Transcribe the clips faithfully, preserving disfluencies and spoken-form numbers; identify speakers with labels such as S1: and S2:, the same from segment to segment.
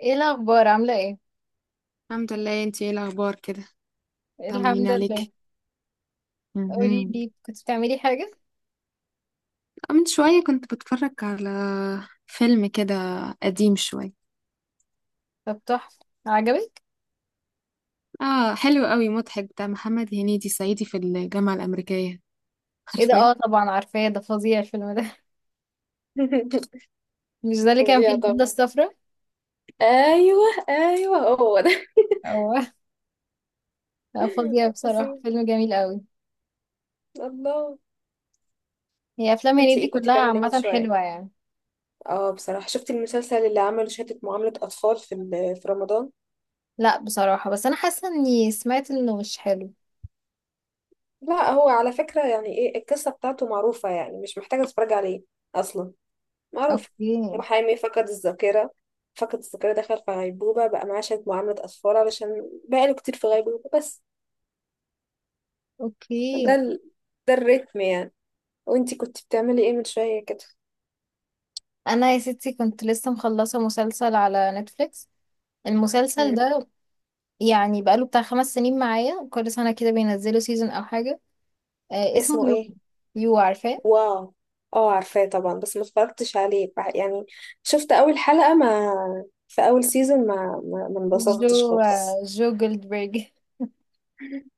S1: ايه الاخبار؟ عامله ايه؟
S2: الحمد لله، انتي ايه الاخبار كده؟ طمنيني
S1: الحمد لله.
S2: عليك.
S1: قولي
S2: مهم.
S1: لي، كنت بتعملي حاجه؟
S2: من شويه كنت بتفرج على فيلم كده قديم شويه.
S1: طب تحفه؟ عجبك؟
S2: اه، حلو قوي، مضحك، بتاع محمد هنيدي، صعيدي في الجامعه الامريكيه،
S1: ايه ده؟
S2: عارفاه؟
S1: اه، طبعا عارفاه ده، فظيع الفيلم ده. مش ده اللي كان فيه
S2: فظيع طبعا.
S1: البدله الصفراء؟
S2: ايوه. ايوه، هو ده.
S1: او. لا، فظيع بصراحه،
S2: فظيع.
S1: فيلم جميل قوي.
S2: الله.
S1: هي افلام
S2: انت
S1: هنيدي
S2: ايه، كنت
S1: كلها
S2: بتعملي ايه من
S1: عامه
S2: شويه؟
S1: حلوه يعني.
S2: اه، بصراحه شفت المسلسل اللي عمله شهاده، معامله اطفال، في ال- في رمضان.
S1: لا بصراحه، بس انا حاسه اني سمعت انه مش حلو.
S2: لا، هو على فكره يعني ايه، القصه بتاعته معروفه، يعني مش محتاجه اتفرج عليه اصلا، معروف.
S1: اوكي.
S2: محامي فقد الذاكرة، فقد الذاكرة، دخل في غيبوبة، بقى معاه شوية معاملة أطفال علشان بقاله كتير في غيبوبة بس.
S1: اوكي.
S2: ده ال... ده الريتم يعني. وانتي كنت بتعملي ايه من شوية كده؟
S1: انا يا ستي كنت لسه مخلصه مسلسل على نتفليكس، المسلسل
S2: مم.
S1: ده. يعني بقاله بتاع خمس سنين معايا، كل سنه كده بينزلوا سيزون او حاجه. آه، اسمه
S2: اسمه
S1: يو.
S2: ايه؟
S1: يو، عارفاه؟
S2: واو. اه عارفاه طبعا، بس ما اتفرجتش عليه بح- يعني. شفت أول حلقة ما في أول سيزون، ما ما ما انبسطتش
S1: جو
S2: خالص.
S1: آه جو جولدبرج.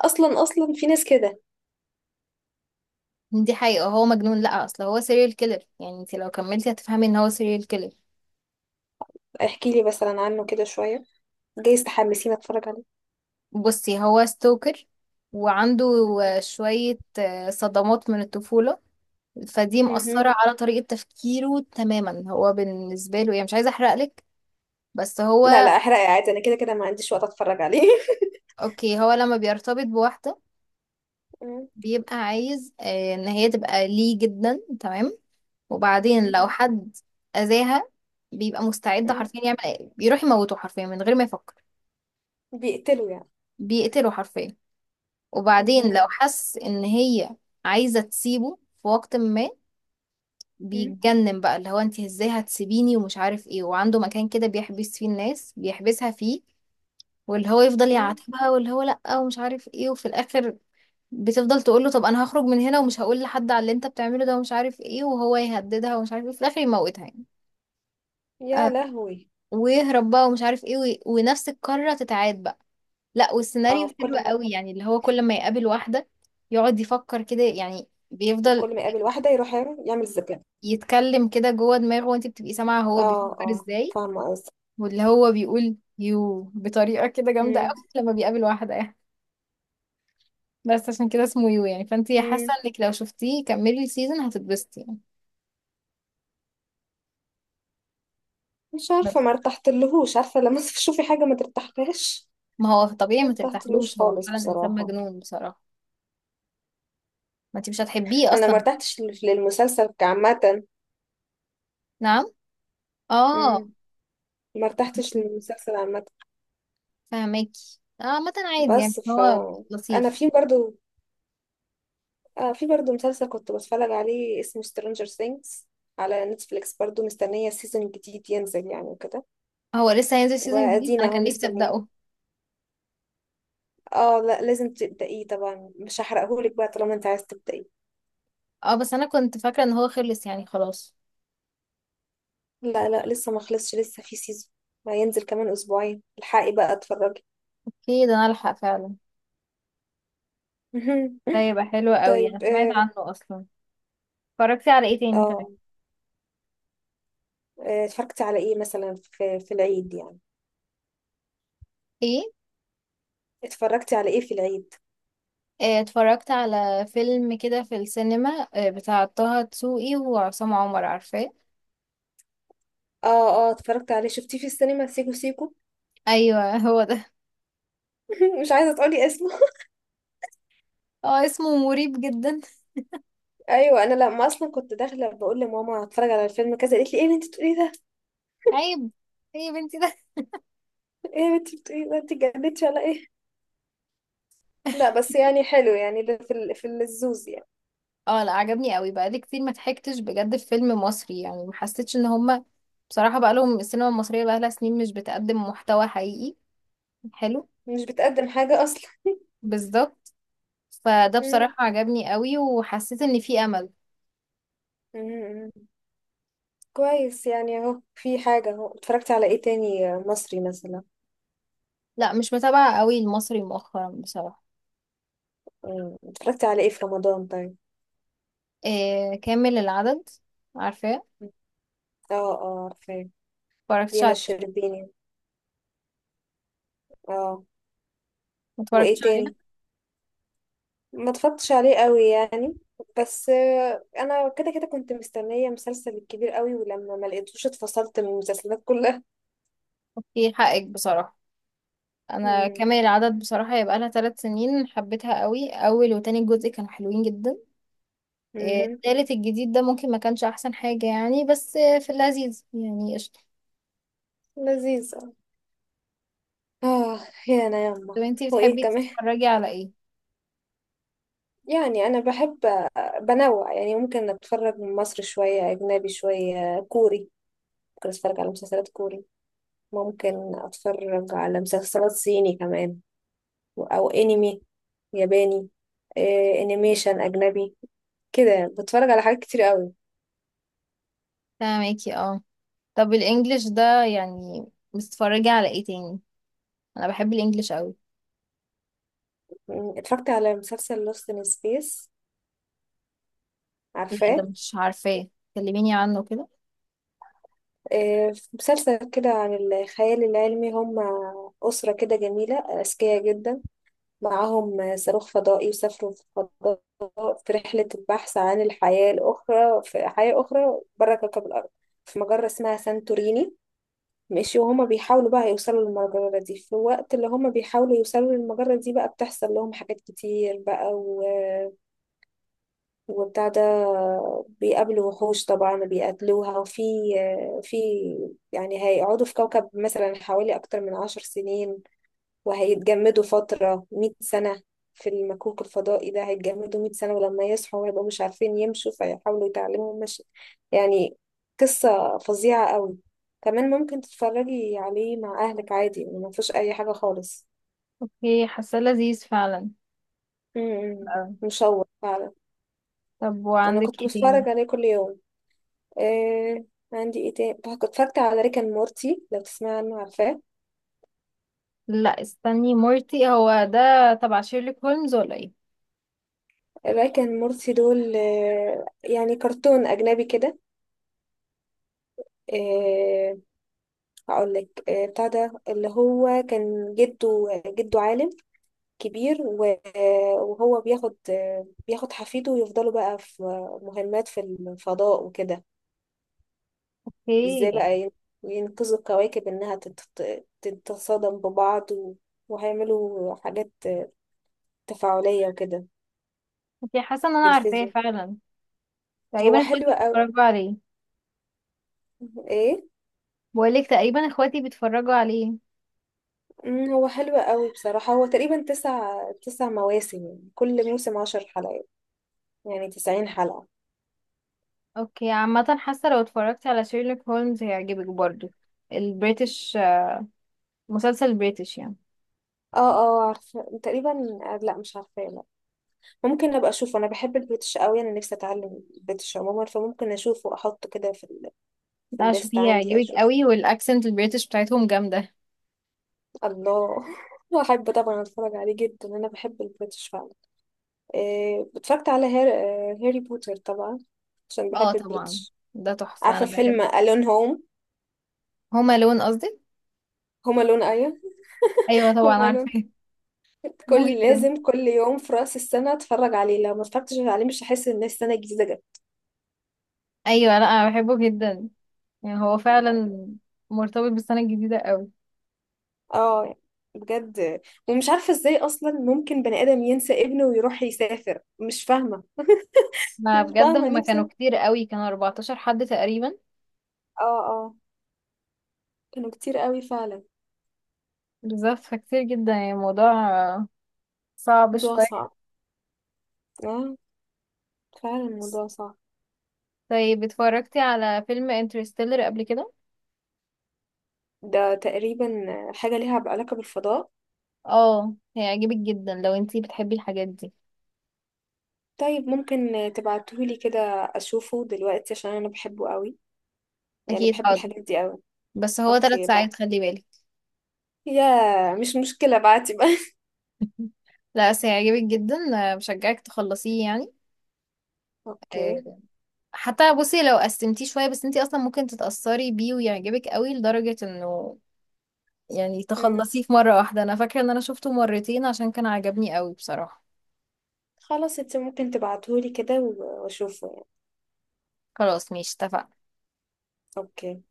S2: أصلا، أصلا في ناس كده.
S1: دي حقيقة، هو مجنون. لا، اصل هو سيريال كيلر، يعني انت لو كملتي هتفهمي ان هو سيريال كيلر.
S2: احكي لي مثلا عنه كده شوية، جايز تحمسيني أتفرج عليه.
S1: بصي، هو ستوكر، وعنده آه، شوية آه، صدمات من الطفولة. فدي مأثرة
S2: مهم.
S1: على طريقة تفكيره تماما. هو بالنسبة له، يعني مش عايزة احرقلك، بس
S2: لا
S1: هو.
S2: لا احرقي عادي، انا كده كده ما عنديش وقت اتفرج عليه.
S1: اوكي، هو لما بيرتبط بواحدة،
S2: مم،
S1: بيبقى عايز آه، ان هي تبقى ليه جدا، تمام؟ وبعدين
S2: مم،
S1: لو حد أذاها، بيبقى مستعد
S2: مم.
S1: حرفيا يعمل ايه؟ بيروح يموته حرفيا من غير ما يفكر.
S2: بيقتلوا يعني؟
S1: بيقتله حرفيا. وبعدين لو
S2: مهم،
S1: حس ان هي عايزة تسيبه في وقت ما،
S2: مم،
S1: بيتجنن بقى، اللي هو انت ازاي هتسيبيني ومش عارف ايه، وعنده مكان كده بيحبس فيه الناس بيحبسها فيه، واللي هو يفضل
S2: مم.
S1: يعاتبها، واللي هو لأ ومش عارف ايه، وفي الآخر بتفضل تقول له طب انا هخرج من هنا ومش هقول لحد على اللي انت بتعمله ده ومش عارف ايه، وهو يهددها ومش عارف ايه، في الآخر يموتها يعني.
S2: يا
S1: آه،
S2: لهوي.
S1: ويهرب بقى ومش عارف ايه وي- ونفس القارة تتعاد بقى. لا،
S2: اه
S1: والسيناريو
S2: في
S1: حلو
S2: كل مرة.
S1: قوي، يعني اللي هو كل ما يقابل واحدة يقعد يفكر كده، يعني بيفضل
S2: كل ما يقابل واحدة يروح يعمل ذكاء.
S1: يتكلم كده جوه دماغه، وانت بتبقي سامعة هو
S2: اه
S1: بيفكر
S2: اه،
S1: ازاي.
S2: فاهمة قصدك.
S1: واللي هو بيقول يو بطريقة كده جامدة
S2: مم،
S1: قوي لما بيقابل واحدة يعني. بس عشان كده اسمه يو، يعني فانت حاسة
S2: مم.
S1: انك لو شفتيه كملي السيزون هتتبسطي يعني.
S2: مش عارفة،
S1: بس
S2: ما ارتحتلهوش. عارفة لما تشوفي حاجة ما ترتاحلهاش؟
S1: ما هو طبيعي
S2: ما
S1: ما
S2: ارتحتلوش
S1: ترتاحلوش، هو
S2: خالص
S1: فعلا انسان
S2: بصراحة.
S1: مجنون بصراحة. ما انت مش هتحبيه
S2: انا ما
S1: اصلا.
S2: ارتحتش لل- للمسلسل كعامة.
S1: نعم. اه،
S2: مم. ما ارتحتش للمسلسل عامة.
S1: فاهماكي. اه، عامة عادي يعني،
S2: بس ف
S1: هو
S2: انا
S1: لطيف.
S2: في برضو، آه في برضو مسلسل كنت بتفرج عليه اسمه Stranger Things على نتفليكس برضو، مستنية سيزون جديد ينزل يعني وكده.
S1: هو لسه هينزل سيزون جديد؟
S2: وأدينا
S1: انا
S2: اهو
S1: كان نفسي
S2: مستنية.
S1: ابدأه.
S2: اه لا، لازم تبدأيه طبعا، مش هحرقهولك بقى طالما انت عايز تبدأيه.
S1: اه، بس انا كنت فاكرة ان هو خلص يعني خلاص.
S2: لا لا لسه ما خلصش، لسه في سيزون ما ينزل كمان أسبوعين، الحقي بقى اتفرجي.
S1: اوكي، ده انا الحق فعلا. ده يبقى حلو قوي،
S2: طيب.
S1: انا سمعت
S2: اه.
S1: عنه اصلا. اتفرجتي على ايه تاني طيب؟
S2: آه، آه، اتفرجتي على ايه مثلا في في العيد يعني؟
S1: ايه؟
S2: اتفرجتي على ايه في العيد؟
S1: آه، اتفرجت على فيلم كده في السينما، آه، بتاع طه دسوقي وعصام عمر، عارفاه؟
S2: اه اه، اتفرجت عليه، شفتيه في السينما، سيكو سيكو.
S1: ايوه، هو ده.
S2: مش عايزة تقولي اسمه؟
S1: اه، اسمه مريب جدا.
S2: ايوه، انا لما اصلا كنت داخله بقول لماما هتفرج على الفيلم كذا، قالت لي ايه اللي انت بتقولي ده؟
S1: عيب. ايه يا بنتي ده؟
S2: ايه اللي انت بتقولي ده، انت اتجننتي ولا ايه؟ لا بس يعني حلو يعني، ده في ال- في الزوز يعني.
S1: اه لا، عجبني قوي، بقالي كتير ما ضحكتش بجد في فيلم مصري يعني، ما حسيتش ان هما. بصراحة بقى لهم السينما المصرية بقى لها سنين مش بتقدم محتوى حقيقي. حلو.
S2: مش بتقدم حاجه اصلا.
S1: بالظبط. فده
S2: مم.
S1: بصراحة عجبني قوي، وحسيت ان في امل.
S2: مم. كويس يعني، اهو في حاجه اهو. اتفرجتي على ايه تاني مصري مثلا؟
S1: لا، مش متابعة قوي المصري مؤخرا بصراحة.
S2: مم. اتفرجتي على ايه في رمضان طيب؟
S1: إيه، كامل العدد، عارفاه؟
S2: اه، اه عارفاه،
S1: ما اتفرجتش
S2: دينا
S1: عليه.
S2: الشربيني. اه.
S1: ما اتفرجتش
S2: وايه
S1: عليه.
S2: تاني؟ ما اتفرجتش عليه قوي يعني. بس آه، انا كده كده كنت مستنيه مسلسل الكبير قوي، ولما ما لقيتوش اتفصلت من المسلسلات كلها.
S1: اوكي، حقك بصراحة. انا
S2: امم.
S1: كامل العدد بصراحة يبقى لها ثلاث سنين، حبيتها قوي. اول وتاني جزء كانوا حلوين جدا. إيه،
S2: امم.
S1: التالت الجديد ده ممكن ما كانش احسن حاجة يعني، بس آه، في اللذيذ يعني، قشطة.
S2: لذيذ. اه. يا انا يما.
S1: طب انتي
S2: وايه
S1: بتحبي
S2: كمان؟
S1: تتفرجي على ايه؟
S2: يعني انا بحب آه، بنوع يعني، ممكن اتفرج من مصر شويه، اجنبي شويه، كوري. ممكن اتفرج على مسلسلات كوري. ممكن اتفرج على مسلسلات صيني كمان. او انمي ياباني. آه، انيميشن اجنبي. كده يعني، بتفرج على حاجات كتير قوي.
S1: فاهمكي، اه. طب الانجليش ده يعني، بتتفرجي على ايه تاني؟ انا بحب الانجليش قوي.
S2: مم، اتفرجت على مسلسل Lost in Space،
S1: لا، ده
S2: عارفاه؟
S1: مش عارفاه. كلميني عنه كده.
S2: آه، مسلسل كده عن الخيال العلمي. هم أسرة كده جميلة، أذكياء جدا، معاهم صاروخ فضائي وسافروا في الفضاء في رحلة البحث عن الحياة الأخرى، في حياة أخرى بره كوكب الأرض، في مجرة اسمها سانتوريني. ماشي؟ وهما بيحاولوا بقى يوصلوا للمجرة دي، في الوقت اللي هما بيحاولوا يوصلوا للمجرة دي بقى بتحصل لهم حاجات كتير بقى، وبتاع ده. بيقابلوا وحوش طبعا وبيقتلوها، وفي في يعني هيقعدوا في كوكب مثلا حوالي أكتر من عشر سنين، وهيتجمدوا فترة مئة سنة، في المكوك الفضائي ده هيتجمدوا مئة سنة، ولما يصحوا هيبقوا مش عارفين يمشوا، فيحاولوا يتعلموا المشي يعني. قصة فظيعة قوي. كمان ممكن تتفرجي عليه مع أهلك عادي، ما فيهوش أي حاجة خالص.
S1: اوكي، حاساه لذيذ فعلا.
S2: م- م.
S1: آه.
S2: مشوق فعلا.
S1: طب
S2: أنا
S1: وعندك
S2: كنت
S1: ايه تاني؟
S2: بتفرج عليه كل يوم. آه. عندي ايه تاني بقى؟ كنت اتفرجت على ريك اند مورتي، لو تسمع عنه، عارفاه؟
S1: لا استني، مورتي هو ده تبع شيرلوك هولمز ولا ايه؟
S2: ريك اند مورتي دول آه، يعني كرتون اجنبي كده. آه هقول لك، آه بتاع ده اللي هو كان جده جده عالم كبير، و- آه، وهو بياخد، آه بياخد حفيده، ويفضلوا بقى في مهمات في الفضاء وكده. ازاي
S1: اوكي.
S2: بقى ين- ينقذوا الكواكب انها تت- تتصادم ببعض، و- وهيعملوا حاجات تفاعلية وكده
S1: اوكي، حاسه ان انا عارفاه
S2: بالفيزياء.
S1: فعلا.
S2: هو
S1: تقريبا
S2: حلو
S1: اخواتي
S2: قوي.
S1: بيتفرجوا عليه.
S2: ايه؟
S1: بقولك تقريبا اخواتي بيتفرجوا عليه.
S2: مم، هو حلو قوي بصراحة. هو تقريبا تسع تسع مواسم يعني. كل موسم عشر حلقات، يعني تسعين حلقة.
S1: اوكي، عامة حاسة لو اتفرجتي على شيرلوك هولمز هيعجبك برضو. البريتش، مسلسل بريتش يعني.
S2: اه اه عارفة تقريبا. آه، لا مش عارفة، لا. ممكن ابقى اشوفه، انا بحب البريتش قوي، انا نفسي اتعلم البريتش عموما، فممكن اشوفه واحطه كده في ال... في
S1: ده
S2: الليست
S1: شوفيه
S2: عندي
S1: هيعجبك
S2: اشوف.
S1: قوي، والاكسنت البريتش بتاعتهم جامدة.
S2: الله. احب طبعا اتفرج عليه جدا، انا بحب البريتش فعلا. إيه اتفرجت على هير... آه، هاري بوتر طبعا، عشان
S1: اه
S2: بحب
S1: طبعا.
S2: البريتش.
S1: ده تحفة،
S2: عارفة
S1: انا
S2: فيلم
S1: بحب.
S2: ألون هوم؟
S1: هما لون، قصدي.
S2: هوم ألون.
S1: ايوه طبعا
S2: وماله؟
S1: عارفة. بحبه
S2: كل،
S1: جدا.
S2: لازم كل يوم في رأس السنة اتفرج عليه، لو ما اتفرجتش عليه مش هحس ان السنة الجديدة جت.
S1: ايوه لا، انا بحبه جدا. يعني هو فعلا مرتبط بالسنة الجديدة قوي.
S2: اه، بجد. ومش عارفة ازاي اصلا ممكن بني ادم ينسى ابنه ويروح يسافر، مش فاهمة.
S1: ما
S2: مش
S1: بجد،
S2: فاهمة
S1: هما كانوا
S2: نفسي.
S1: كتير قوي، كانوا اربعتاشر حد تقريبا.
S2: اه اه، كانوا كتير قوي فعلا.
S1: بالظبط. فكتير جدا يعني الموضوع صعب
S2: موضوع
S1: شوية.
S2: صعب. اه، فعلا موضوع صعب.
S1: طيب، اتفرجتي على فيلم انترستيلر قبل كده؟
S2: ده تقريبا حاجة ليها علاقة بالفضاء؟
S1: اه، هيعجبك جدا لو انتي بتحبي الحاجات دي.
S2: طيب ممكن تبعتهولي كده أشوفه دلوقتي عشان أنا بحبه قوي، يعني
S1: اكيد
S2: بحب
S1: حاضر.
S2: الحاجات دي قوي.
S1: بس هو ثلاث
S2: أوكي بقى.
S1: ساعات خلي بالك.
S2: يا مش مشكلة، بعتي بقى.
S1: لا، بس هيعجبك جدا. آه، بشجعك تخلصيه يعني.
S2: اوكي.
S1: آه، حتى بصي لو قسمتيه شوية، بس انتي اصلا ممكن تتأثري بيه ويعجبك قوي لدرجة انه يعني
S2: امم.
S1: تخلصيه في مرة واحدة. انا فاكرة ان انا شفته مرتين عشان كان عجبني قوي بصراحة.
S2: خلاص، انت ممكن تبعتهولي كده و- واشوفه يعني.
S1: خلاص، ماشي، اتفقنا.
S2: اوكي.